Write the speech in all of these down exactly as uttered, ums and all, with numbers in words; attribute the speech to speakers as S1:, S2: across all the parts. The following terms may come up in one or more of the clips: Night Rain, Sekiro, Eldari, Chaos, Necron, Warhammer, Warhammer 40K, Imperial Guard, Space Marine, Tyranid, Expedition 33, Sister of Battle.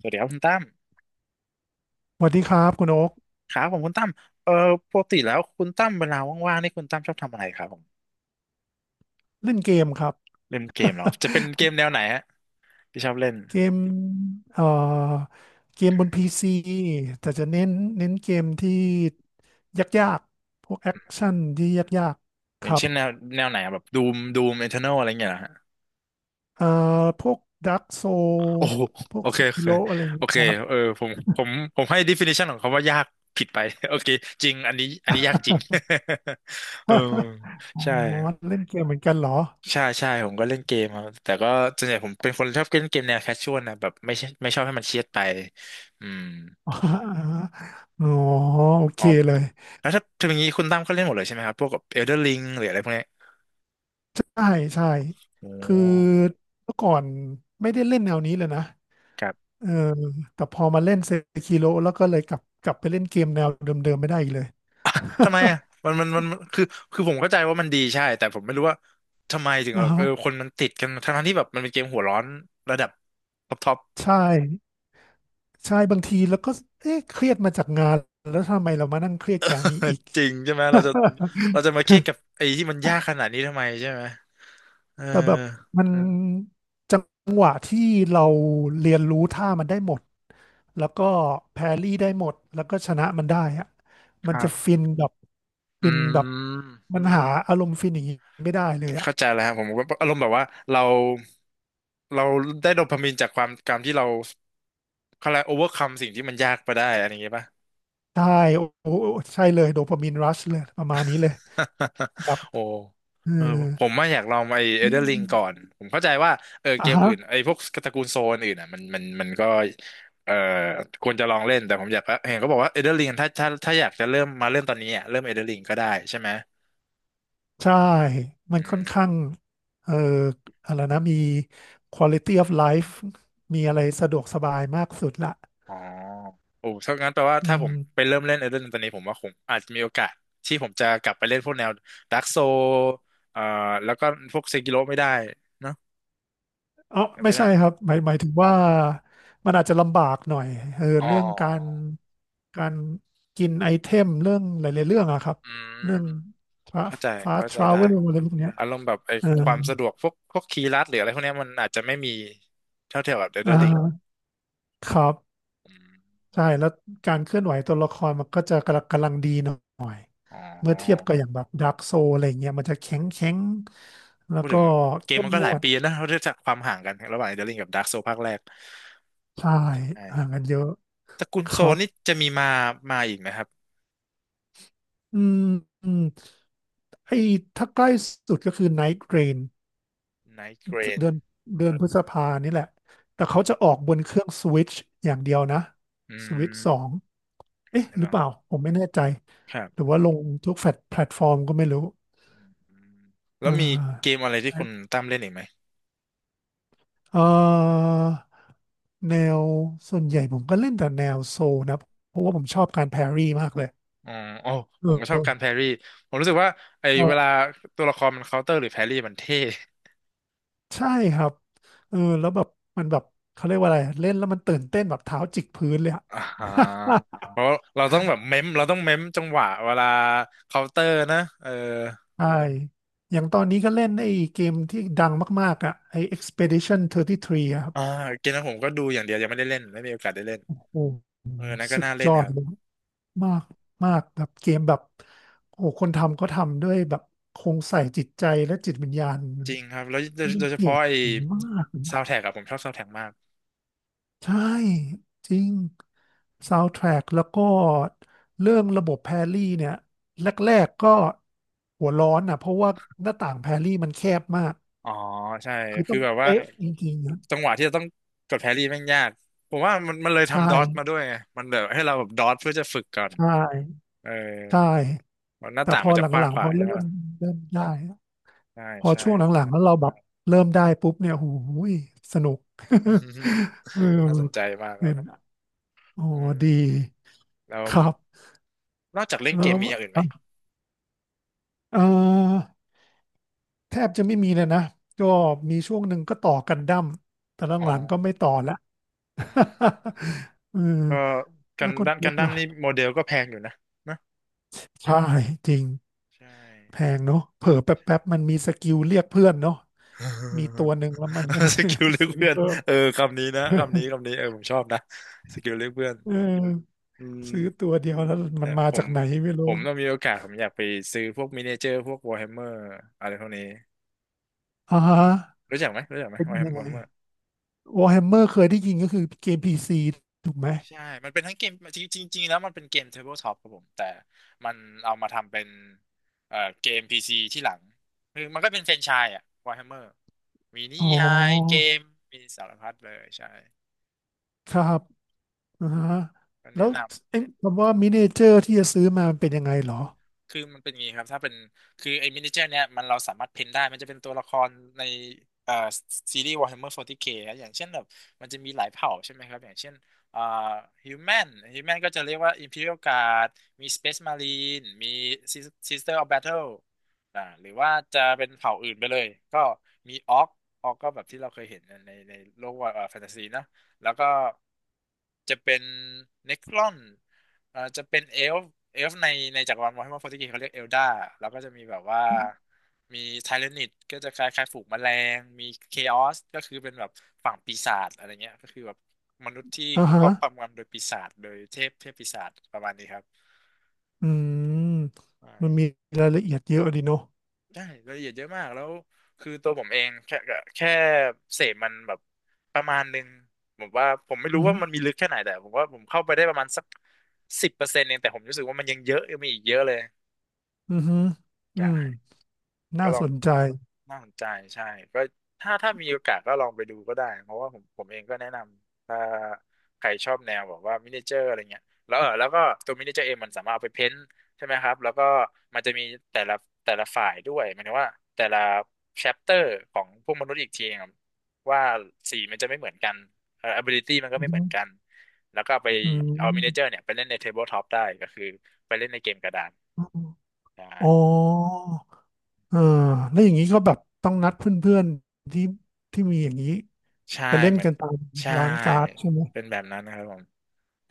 S1: สวัสดีครับคุณตั้ม
S2: สวัสดีครับคุณโอ๊ก
S1: ครับผมคุณตั้มเอ่อปกติแล้วคุณตั้มเวลาว่างๆนี่คุณตั้มชอบทำอะไรครับผม
S2: เล่นเกมครับ
S1: เล่นเกมเหรอครับจะเป็นเกมแนวไหนฮะที่ชอบเล่น
S2: เกมเอ่อเกมบนพีซีแต่จะเน้นเน้นเกมที่ยากๆพวกแอคชั่นที่ยาก
S1: อ
S2: ๆค
S1: ย่าง
S2: รับ
S1: เช่นแนวแนวไหนอะแบบดูมดูมเอเทอร์นอลอะไรเงี้ยเหรอฮะ
S2: เอ่อพวกดักโซ
S1: โอ้โห
S2: พว
S1: โอ
S2: ก
S1: เค
S2: ซิ
S1: โอ
S2: กิ
S1: เค
S2: โลอะไรอย่าง
S1: โอ
S2: เงี้
S1: เค
S2: ยครับ
S1: เออผมผมผมให้ definition ของคำว่ายากผิดไป โอเคจริงอันนี้อันนี้ยากจริง เออ
S2: อ๋อ
S1: ใช่
S2: เล่นเกมเหมือนกันเหรอ
S1: ใช่ใช่ผมก็เล่นเกมครับแต่ก็ส่วนใหญ่ผมเป็นคนชอบเล่นเกมแนวแคชชวลนะแบบไม่ใช่ไม่ชอบให้มันเครียดไปอืม
S2: อ๋อโอเค
S1: อ๋อ
S2: เลย
S1: แล้วถ้าถ้าอย่างนี้คุณตั้มก็เล่นหมดเลยใช่ไหมครับพวกกับเอลเดอร์ลิงหรืออะไรพวกเนี้ย
S2: ใช่ใช่
S1: โอ
S2: คือ
S1: ้
S2: เมื่อก่อนไม่ได้เล่นแนวนี้เลยนะ
S1: ครับ
S2: เออแต่พอมาเล่นเซคิโ o แล้วก็เลยกลับกลับไปเล่นเกมแนวเดิมๆไม่ได้อีกเลย
S1: ทำไม อ่ะมันมันมันคือ คือผมเข้าใจว่ามันดีใช่ แต่ผมไม่รู้ว่าทำไมถึงแบ
S2: อ่า
S1: บ
S2: ฮะ
S1: เออคนมันติดกันทั้งๆที่แบบมันเป็นเกมหัวร้อนระดับท็อปท็อป
S2: ใช่ใช่บางทีแล้วก็เอ๊ะเครียดมาจากงานแล้วทำไมเรามานั่งเครียดแกบอันนี้อีก
S1: จริงใช่ไหมเราจะเราจะมาเครียด กับไอ้ที่มันยากขนาดนี้ทำไมใช่ไหมเออ
S2: แต่แบบมันจังหวะที่เราเรียนรู้ท่ามันได้หมดแล้วก็แพรรี่ได้หมดแล้วก็ชนะมันได้อะ
S1: ค
S2: มัน
S1: รั
S2: จะ
S1: บ
S2: ฟินแบบ
S1: อื
S2: ฟินแบบ
S1: ม
S2: มันหาอารมณ์ฟินอย่างนี้ไม่ได้เลยอะ
S1: เข้าใจแล้วครับผมก็อารมณ์แบบว่าเราเราได้โดพามีนจากความการที่เรา เขาเลยกโอเวอร์คัมสิ่งที่มันยากไปได้อะไรอย่างเงี้ยป่ะ
S2: ใช่โอ้โหใช่เลยโดปามีนรัชเลยประมาณนี้เลยแบบ
S1: โอ้
S2: เออ
S1: เออผมว่าอยากลองไอเอเด
S2: นี่
S1: อร์ลิงก่อน ผมเข้าใจว่าเออเก
S2: อ่ะ
S1: ม
S2: ฮะ
S1: อื่นไอพวกตระกูลโซนอื่นอ่ะมันมันมันก็เออควรจะลองเล่นแต่ผมอยากเห็นเขาบอกว่าเอเดอร์ลิงถ้าถ้าถ้าอยากจะเริ่มมาเริ่มตอนนี้อ่ะเริ่มเอเดอร์ลิงก็ได้ใช่ไหม
S2: ใช่มัน
S1: อื
S2: ค่อ
S1: ม
S2: นข้างเอ่ออะไรนะมี quality of life มีอะไรสะดวกสบายมากสุดละ
S1: อ๋อโอ้ถ้างั้นแปลว่า
S2: อื
S1: ถ้าผ
S2: ม
S1: มไปเริ่มเล่นเอเดอร์ลิงตอนนี้ผมว่าผมอาจจะมีโอกาสที่ผมจะกลับไปเล่นพวกแนวดาร์กโซเอ่อแล้วก็พวกเซกิโลไม่ได้เนอะ
S2: เอ๋อ
S1: แต่
S2: ไม่
S1: ไม่ได้
S2: ใช่ครับหมายหมายถึงว่ามันอาจจะลำบากหน่อยเออ
S1: อ๋อ
S2: เรื่องการการกินไอเทมเรื่องหลายๆเรื่องอะครับ
S1: อื
S2: เรื่อง
S1: ม
S2: ฟ้า
S1: เข้าใจ
S2: ฟ้า
S1: เข้า
S2: ท
S1: ใจ
S2: รา
S1: ได้
S2: เวลอะไรพวกเนี้ย
S1: อารมณ์แบบไอ้
S2: เออ
S1: ความสะดวกพวกพวกคีย์ลัดหรืออะไรพวกเนี้ยมันอาจจะไม่มีเท่าเทียมกับเดลเด
S2: อ่
S1: อร์ลิง
S2: าครับ
S1: อืมอ
S2: ใช่
S1: ม
S2: แล้วการเคลื่อนไหวตัวละครมันก็จะกำลังกำลังดีหน่อย
S1: อ๋
S2: เมื่อเทียบ
S1: อ
S2: กับอย่างแบบด a r k กโซอะไรเงี้ยมันจะแข็งแข็งแล้ว
S1: พูด
S2: ก็
S1: ถึงเกม
S2: เข้ม
S1: มันก็
S2: ง
S1: หลาย
S2: วด
S1: ปีแล้วนะเราเรียกจากความห่างกันระหว่างเดลลิงกับดาร์กโซภาคแรก
S2: ใช่ห่าง
S1: ใช่
S2: กันเยอะ
S1: ตระกูล
S2: ค
S1: โซ
S2: รับ
S1: นี่จะมีมามาอีกไหมครับ
S2: อืมอืมไอ้ถ้าใกล้สุดก็คือ Night Rain
S1: ไนท์เกรน
S2: เดือนเดือนพฤษภานี่แหละแต่เขาจะออกบนเครื่อง Switch อย่างเดียวนะ
S1: อื
S2: Switch
S1: ม
S2: สองเอ๊ะ
S1: ไม่
S2: หรื
S1: ต้
S2: อ
S1: อง
S2: เปล่าผมไม่แน่ใจ
S1: ครับ
S2: หรือว่าลงทุกแฟลตแพลตฟอร์มก็ไม่รู้
S1: อืมแล้
S2: อ
S1: วมีเก
S2: ่
S1: มอะไรที่คุ
S2: า
S1: ณตั้มเล่นอีกไหม
S2: เอ่อแนวส่วนใหญ่ผมก็เล่นแต่แนวโซลนะเพราะว่าผมชอบการแพรรี่มากเลย
S1: อ๋อ อ๋อ
S2: เอ
S1: ผม
S2: อ
S1: ก็ช
S2: เอ
S1: อบ
S2: อ
S1: การแพรี่ ผมรู้สึกว่าไอ้เวลา
S2: เออ
S1: ตัวละครมันเคาน์เตอร์หรือแพรี่มันเท่
S2: ใช่ครับเออแล้วแบบมันแบบเขาเรียกว่าอะไรเล่นแล้วมันตื่นเต้นแบบเท้าจิกพื้นเลยอะ
S1: อ่าฮะ เพราะเราต้องแบบเม้มเราต้องเม้มจังหวะเวลาเคาน์เตอร์นะ เออ
S2: ใช่อย่างตอนนี้ก็เล่นไอ้เกมที่ดังมากๆอ่ะไอ้ Expedition สามสิบสามอะครับ
S1: อ่าเกมนั้นผมก็ดูอย่างเดียวยังไม่ได้เล่น ไม่มีโอกาสได้เล่น
S2: โอ้
S1: เออนั่นก็
S2: สุด
S1: น่าเล่
S2: ย
S1: น
S2: อ
S1: ค
S2: ด
S1: รับ
S2: เลยมากมากแบบเกมแบบโอ้คนทำก็ทำด้วยแบบคงใส่จิตใจและจิตวิญญาณ
S1: จริงครับแล้วโดยโดยเฉ
S2: เจ๋
S1: พาะไอ้
S2: งมากเลย
S1: ซา
S2: นะ
S1: วแท็กอะผมชอบซาวแท็กมาก
S2: ใช่จริงซาวด์แทร็กแล้วก็เรื่องระบบแพรลี่เนี่ยแรกๆก็หัวร้อนอ่ะเพราะว่าหน้าต่างแพรลี่มันแคบมาก
S1: อ๋อใช่
S2: คือ
S1: คื
S2: ต้อ
S1: อ
S2: ง
S1: แบบว่า
S2: เป๊ะจริงๆนะ
S1: จังหวะที่จะต้องกดแพรี่แม่งยากผมว่ามันมันเลย
S2: ใช่
S1: ทำดอทมาด้วยไงมันแบบให้เราแบบดอทเพื่อจะฝึกก่อน
S2: ใช่
S1: เออ
S2: ใช่
S1: มันหน้า
S2: แต่
S1: ต่า
S2: พ
S1: ง
S2: อ
S1: มัน
S2: ห
S1: จะกว้าง
S2: ลัง
S1: ข
S2: ๆพ
S1: ว่า
S2: อ
S1: ใช่
S2: เริ่
S1: ไหม
S2: ม
S1: ล่ะ
S2: เริ่มได้
S1: ใช่
S2: พอ
S1: ใช่
S2: ช่วงหลังๆแล้วเราแบบเริ่มได้ปุ๊บเนี่ยโอ้โหูยสนุก เออ
S1: น่าสนใจมากค
S2: เนี่
S1: รั
S2: ยนะ
S1: บ
S2: โอ้
S1: อืม
S2: ดี
S1: แล้ว
S2: ครับ
S1: นอกจากเล่น
S2: แล้
S1: เก
S2: ว
S1: มมีอย่างอื่นไหม
S2: เอ่อแทบจะไม่มีเลยนะก็มีช่วงหนึ่งก็ต่อกันดั้มแต่ละ
S1: อ๋
S2: งานก็ไม่
S1: อ
S2: ต่อละ
S1: อืม
S2: เออ
S1: ก็กัน
S2: แล้วคน
S1: ด้ม
S2: พ
S1: กั
S2: บ
S1: นด้ม
S2: ล่ะ
S1: นี่โมเดลก็แพงอยู่นะนะ
S2: ใช่จริง
S1: ใช่
S2: แพงเนาะเผลอแป๊บๆมันมีสกิลเรียกเพื่อนเนาะมีตัว หนึ่งแล้วมันก็
S1: สกิล เลือก
S2: ซื้อ
S1: เพื่อน
S2: เพิ่ม
S1: เออคำนี้นะคำนี้ คำนี้เออผมชอบนะสกิลเลือกเพื่อน
S2: เออ
S1: อืม
S2: ซื้อตัวเดียวแล้วมั
S1: แต่
S2: นมา
S1: ผ
S2: จา
S1: ม
S2: กไหนไม่
S1: ผ
S2: รู้
S1: มต้องมีโอกาสผมอยากไปซื้อพวกมินิเจอร์พวกวอ r h แฮมเมอร์อะไรพวกนี้
S2: อ่าฮะ
S1: รู้จักไหมรู้จักไหม
S2: เป็น
S1: วอ r h แฮม
S2: ยังไง
S1: เมอร์
S2: วอร์แฮมเมอร์เคยได้ยินก็คือเกมพีซีถูกไหม
S1: ใช่ มันเป็นทั้งเกมจริงจริงๆแล้วมันเป็นเกมเทเบิลทอปครับผมแต่มันเอามาทำเป็นเอ่อเกมพีซีที่หลังคือมันก็เป็นแฟรนไชส์อะวอร์แมเมอร์มีนิ
S2: อ๋
S1: ยายเก
S2: อ
S1: มมีสารพัดเลยใช่
S2: ครับ อ่าฮะ
S1: ก็
S2: แล้
S1: แนะ
S2: ว
S1: นำ
S2: ไอ้คำว่ามินิเจอร์ที่จะซื้อมามันเป็นยังไงเหรอ
S1: คือมันเป็นอย่างนี้ครับถ้าเป็นคือไอ้มินิเจอร์เนี่ยมันเราสามารถเพ้นได้มันจะเป็นตัวละครในเอ่อซีรีส์ Warhammer โฟร์ตี้เค นะอย่างเช่นแบบมันจะมีหลายเผ่าใช่ไหมครับอย่างเช่นเอ่อ Human Human ก็จะเรียกว่า Imperial Guard มี Space Marine มี Sis- Sister of Battle อ่าหรือว่าจะเป็นเผ่าอื่นไปเลยก็มี Orc Orc ก็แบบที่เราเคยเห็นในในโลกว่าแฟนตาซีนะแล้วก็จะเป็น Necron เอ่อจะเป็นเอลฟ์เอลฟ์ในในจักรวาลวอร์แฮมเมอร์โฟร์ีเคเขาเรียกเอลดาแล้วก็จะมีแบบว่ามีไทเรนิดก็จะคล้ายๆฝูงแมลงมีเคออสก็คือเป็นแบบฝั่งปีศาจอะไรเงี้ยก็คือแบบมนุษย์ที่
S2: อ่า
S1: ค
S2: ฮะ
S1: รอบความงำโดยปีศาจโดยเทพเทพปีศาจประมาณนี้ครับ
S2: อืม
S1: ใช่
S2: มันมีรายละเอียดเยอะดีเนาะ
S1: ใช่รายละเอียดเยอะมากแล้วคือตัวผมเองแค่แค่เสพมันแบบประมาณหนึงผมว่าผมไม่
S2: อื
S1: รู้ว่ามัน
S2: ม
S1: มีลึกแค่ไหนแต่ผมว่าผมเข้าไปได้ประมาณสักสิบเปอร์เซ็นต์เองแต่ผมรู้สึกว่ามันยังเยอะยังมีอีกเยอะเลย
S2: อืมอื
S1: ใช่
S2: ม
S1: ก็
S2: น่า
S1: ลอ
S2: ส
S1: ง
S2: นใจ
S1: น่าสนใจใช่ก็ถ้าถ้ามีโอกาสก็ลองไปดูก็ได้เพราะว่าผมผมเองก็แนะนำถ้าใครชอบแนวแบบว่ามินิเจอร์อะไรเงี้ยแล้วเออแล้วก็ตัวมินิเจอร์เองมันสามารถเอาไปเพ้นท์ใช่ไหมครับแล้วก็มันจะมีแต่ละแต่ละฝ่ายด้วยหมายถึงว่าแต่ละแชปเตอร์ของพวกมนุษย์อีกทีครับว่าสีมันจะไม่เหมือนกันเอ่อ ability มันก็
S2: อื
S1: ไม่เหมือนกั
S2: ม
S1: นแล้วก็เอาไป
S2: อื
S1: เอามินิเจอ
S2: ม
S1: ร์เนี่ยไปเล่นในเทเบิลท็อปได้ก็คือไปเล่นในเกมกระดาน
S2: อม
S1: ได้
S2: อ๋อเอ่าแล้วอย่างนี้ก็แบบต้องนัดเพื่อนๆที่ที่มีอย่างนี้
S1: ใช่
S2: ไปเล่น
S1: เหมือน
S2: กันตาม
S1: ใช่
S2: ร้านการ์ดใช่ไหม
S1: เป็นแบบนั้นนะครับผม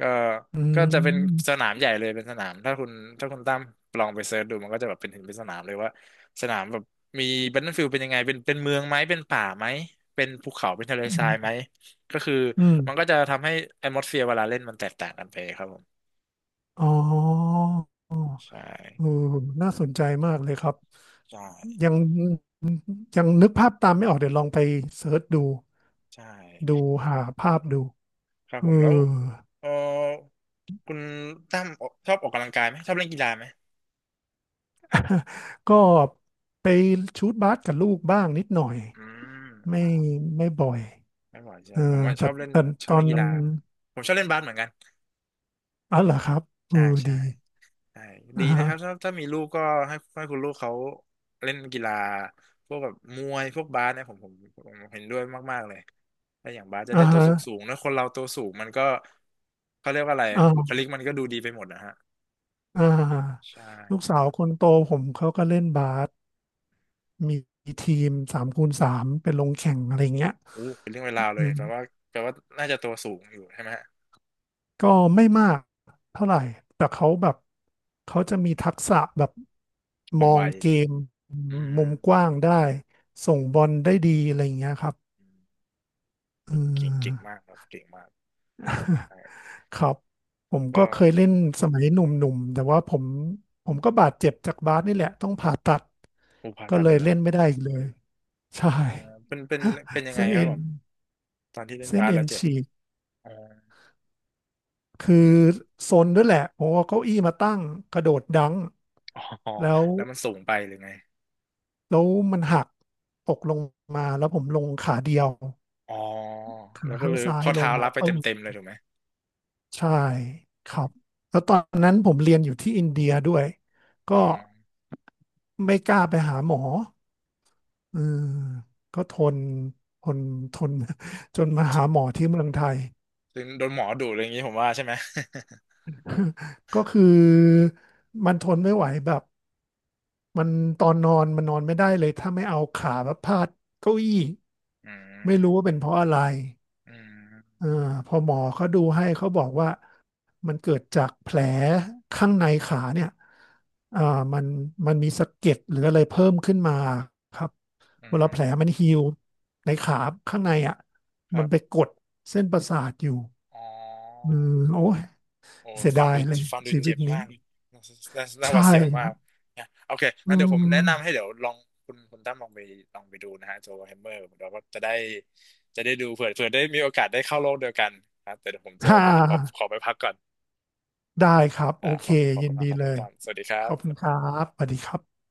S1: ก็
S2: อื
S1: ก็จะเป็นส
S2: ม
S1: นามใหญ่เลยเป็นสนามถ้าคุณถ้าคุณตั้มลองไปเซิร์ชดูมันก็จะแบบเป็นถึงเป็นสนามเลยว่าสนามแบบมี Battlefield เป็นยังไงเป็นเป็นเมืองไหมเป็นป่าไหมเป็นภูเขาเป็นทะเล
S2: อื
S1: ทรายไหม
S2: ม
S1: ก็คือ
S2: อืม
S1: มันก็จะทำให้ atmosphere เวลาเล่นมันแตกต่างกันไปครับผม
S2: อ๋ออ๋อ
S1: ใช่
S2: เออน่าสนใจมากเลยครับ
S1: ใช่
S2: ยัง ยังนึกภาพตามไม่ออกเดี๋ยวลองไปเสิร์ชดู
S1: ใช่
S2: ดูหาภาพดู
S1: ครับ
S2: เอ
S1: ผมแล้ว
S2: อ
S1: เออคุณตั้มออกชอบออกกำลังกายไหมชอบเล่นกีฬาไหม
S2: ก็ไปชูตบาสกับลูกบ้างนิดหน่อย
S1: อืม
S2: ไม่ไม่บ่อย
S1: ไม่บ่อยใช่
S2: เอ
S1: ไหม
S2: อ
S1: ผมว่าช
S2: แต่
S1: อบเล่น
S2: แต่
S1: ช
S2: ต
S1: อบ
S2: อ
S1: เล่
S2: น
S1: นกีฬาผมชอบเล่นบาสเหมือนกัน
S2: อ๋อเหรอครับเอ
S1: ใช่
S2: อดี
S1: ใช่ใช่ดี
S2: อ่า
S1: นะ
S2: ฮะ
S1: ครับถ้าถ้ามีลูกก็ให้ให้คุณลูกเขาเล่นกีฬาพวกแบบมวยพวกบาสเนี่ยผมผมผมเห็นด้วยมากๆเลยถ้าอย่างบาสจะได้
S2: อ่า
S1: ตัว
S2: ฮะ
S1: สูงสูงนะคนเราตัวสูงมันก็เขาเรียกว่าอะไร
S2: อ่
S1: บุคลิก
S2: า
S1: มันก็ดูดีไปหมดนะฮะ
S2: อ่า
S1: ใช่
S2: ลูกสาวคนโตผมเขาก็เล่นบาสมีทีมสามคูณสามไปลงแข่งอะไรเงี้ย
S1: อู้เป็นเรื่องเวลาวเล
S2: อื
S1: ยแปลว่า
S2: ม
S1: แปลว่าน่าจะตัวสูงอยู่ใช่ไหมฮะ
S2: ก็ไม่มากเท่าไหร่ แต่เขาแบบเขาจะมีทักษะแบบ
S1: ค
S2: ม
S1: วาม
S2: อ
S1: ไว
S2: งเกม
S1: อื
S2: มุ
S1: ม
S2: มกว้างได้
S1: อืม
S2: เงี้ยครับ
S1: อืม
S2: เอ
S1: เก่งเก่งเก่ง
S2: อ
S1: มากครับเก่งมาก ใช่
S2: ครับผมก็
S1: ก็
S2: เคยเล่นสมัยหนุ่มๆแต่ว่าผมผมก็บาดเจ็บจากบาสนี่แหละต้องผ่าตัด
S1: อูผ่า
S2: ก็
S1: ตัด
S2: เล
S1: เล
S2: ย
S1: ยเหรอ
S2: เล่นไม่ได้อีกเลยใช่
S1: เออเป็นเป็นเป็นยังไง
S2: เส้น
S1: ครั
S2: เอ็
S1: บ
S2: น
S1: ผมตอนที่เล่น
S2: เส้น
S1: บาส
S2: เอ็
S1: แล้
S2: น
S1: วเจ็บ
S2: ฉีก
S1: อ๋อ
S2: คือ
S1: อืม
S2: ซนด้วยแหละผมเอาเก้าอี้มาตั้งกระโดดดัง
S1: อ๋อ
S2: แล้ว
S1: แล้วมันสูงไปหรือไง
S2: แล้วมันหักตกลงมาแล้วผมลงขาเดียว
S1: อ๋อ
S2: ขา
S1: แล้วก็
S2: ข้า
S1: เล
S2: ง
S1: ย
S2: ซ้าย
S1: ข้อ
S2: ลง
S1: เท้า
S2: มา
S1: รับไป
S2: ปึ้
S1: เต็
S2: ง
S1: มเต็มเลยถูกไหม
S2: ใช่ครับแล้วตอนนั้นผมเรียนอยู่ที่อินเดียด้วย
S1: อ๋อ
S2: ก็ไม่กล้าไปหาหมอเออก็ทนทนทนจนมาหาหมอที่เมืองไทย
S1: ซึ่งโดนหมอดูอะไรอย่างนี้ผมว่าใช่ไหม
S2: ก็คือมันทนไม่ไหวแบบมันตอนนอนมันนอนไม่ได้เลยถ้าไม่เอาขาแบบพาดเก้าอี้
S1: อื
S2: ไม่รู้ว่า
S1: ม
S2: เป็นเพราะอะไร
S1: อืม
S2: เออพอหมอเขาดูให้เขาบอกว่ามันเกิดจากแผลข้างในขาเนี่ยอ่ามันมันมีสะเก็ดหรืออะไรเพิ่มขึ้นมาครับ
S1: อื
S2: เวลาแผล
S1: ม
S2: มันฮีลในขาข้างในอ่ะ
S1: ค
S2: มั
S1: รั
S2: น
S1: บ
S2: ไปกดเส้นประสาทอยู่
S1: อ๋
S2: อื
S1: อ
S2: มโอ้ย
S1: โอ้
S2: เสีย
S1: ฟั
S2: ดา
S1: ง
S2: ย
S1: ดู
S2: เลย
S1: ฟังดู
S2: ชีวิ
S1: เจ็
S2: ต
S1: บ
S2: นี้
S1: มากน่าน่าน่าห
S2: ใช่
S1: วาดเสียว
S2: ครั
S1: มาก
S2: บ
S1: นะโอเค
S2: อื
S1: งั้นเดี๋ยวผม
S2: ม
S1: แนะนำให้เดี๋ยวลองคุณคุณตั้มลองไปลองไปดูนะฮะโจแฮมเมอร์เดี๋ยวก็จะได้จะได้ดูเผื่อเผื่อได้มีโอกาสได้เข้าโลกเดียวกันครับแต่เดี๋ยวผมโจ
S2: ฮ่า
S1: ผมขอขอไปพักก่อน
S2: ได้ครับโอ
S1: นะข
S2: เค
S1: อบขอบ
S2: ยิ
S1: คุ
S2: น
S1: ณมา
S2: ดี
S1: กครับ
S2: เล
S1: คุณ
S2: ย
S1: ตั้มสวัสดีค
S2: ข
S1: รั
S2: อบคุณ
S1: บ
S2: ครับสวัสดีครับ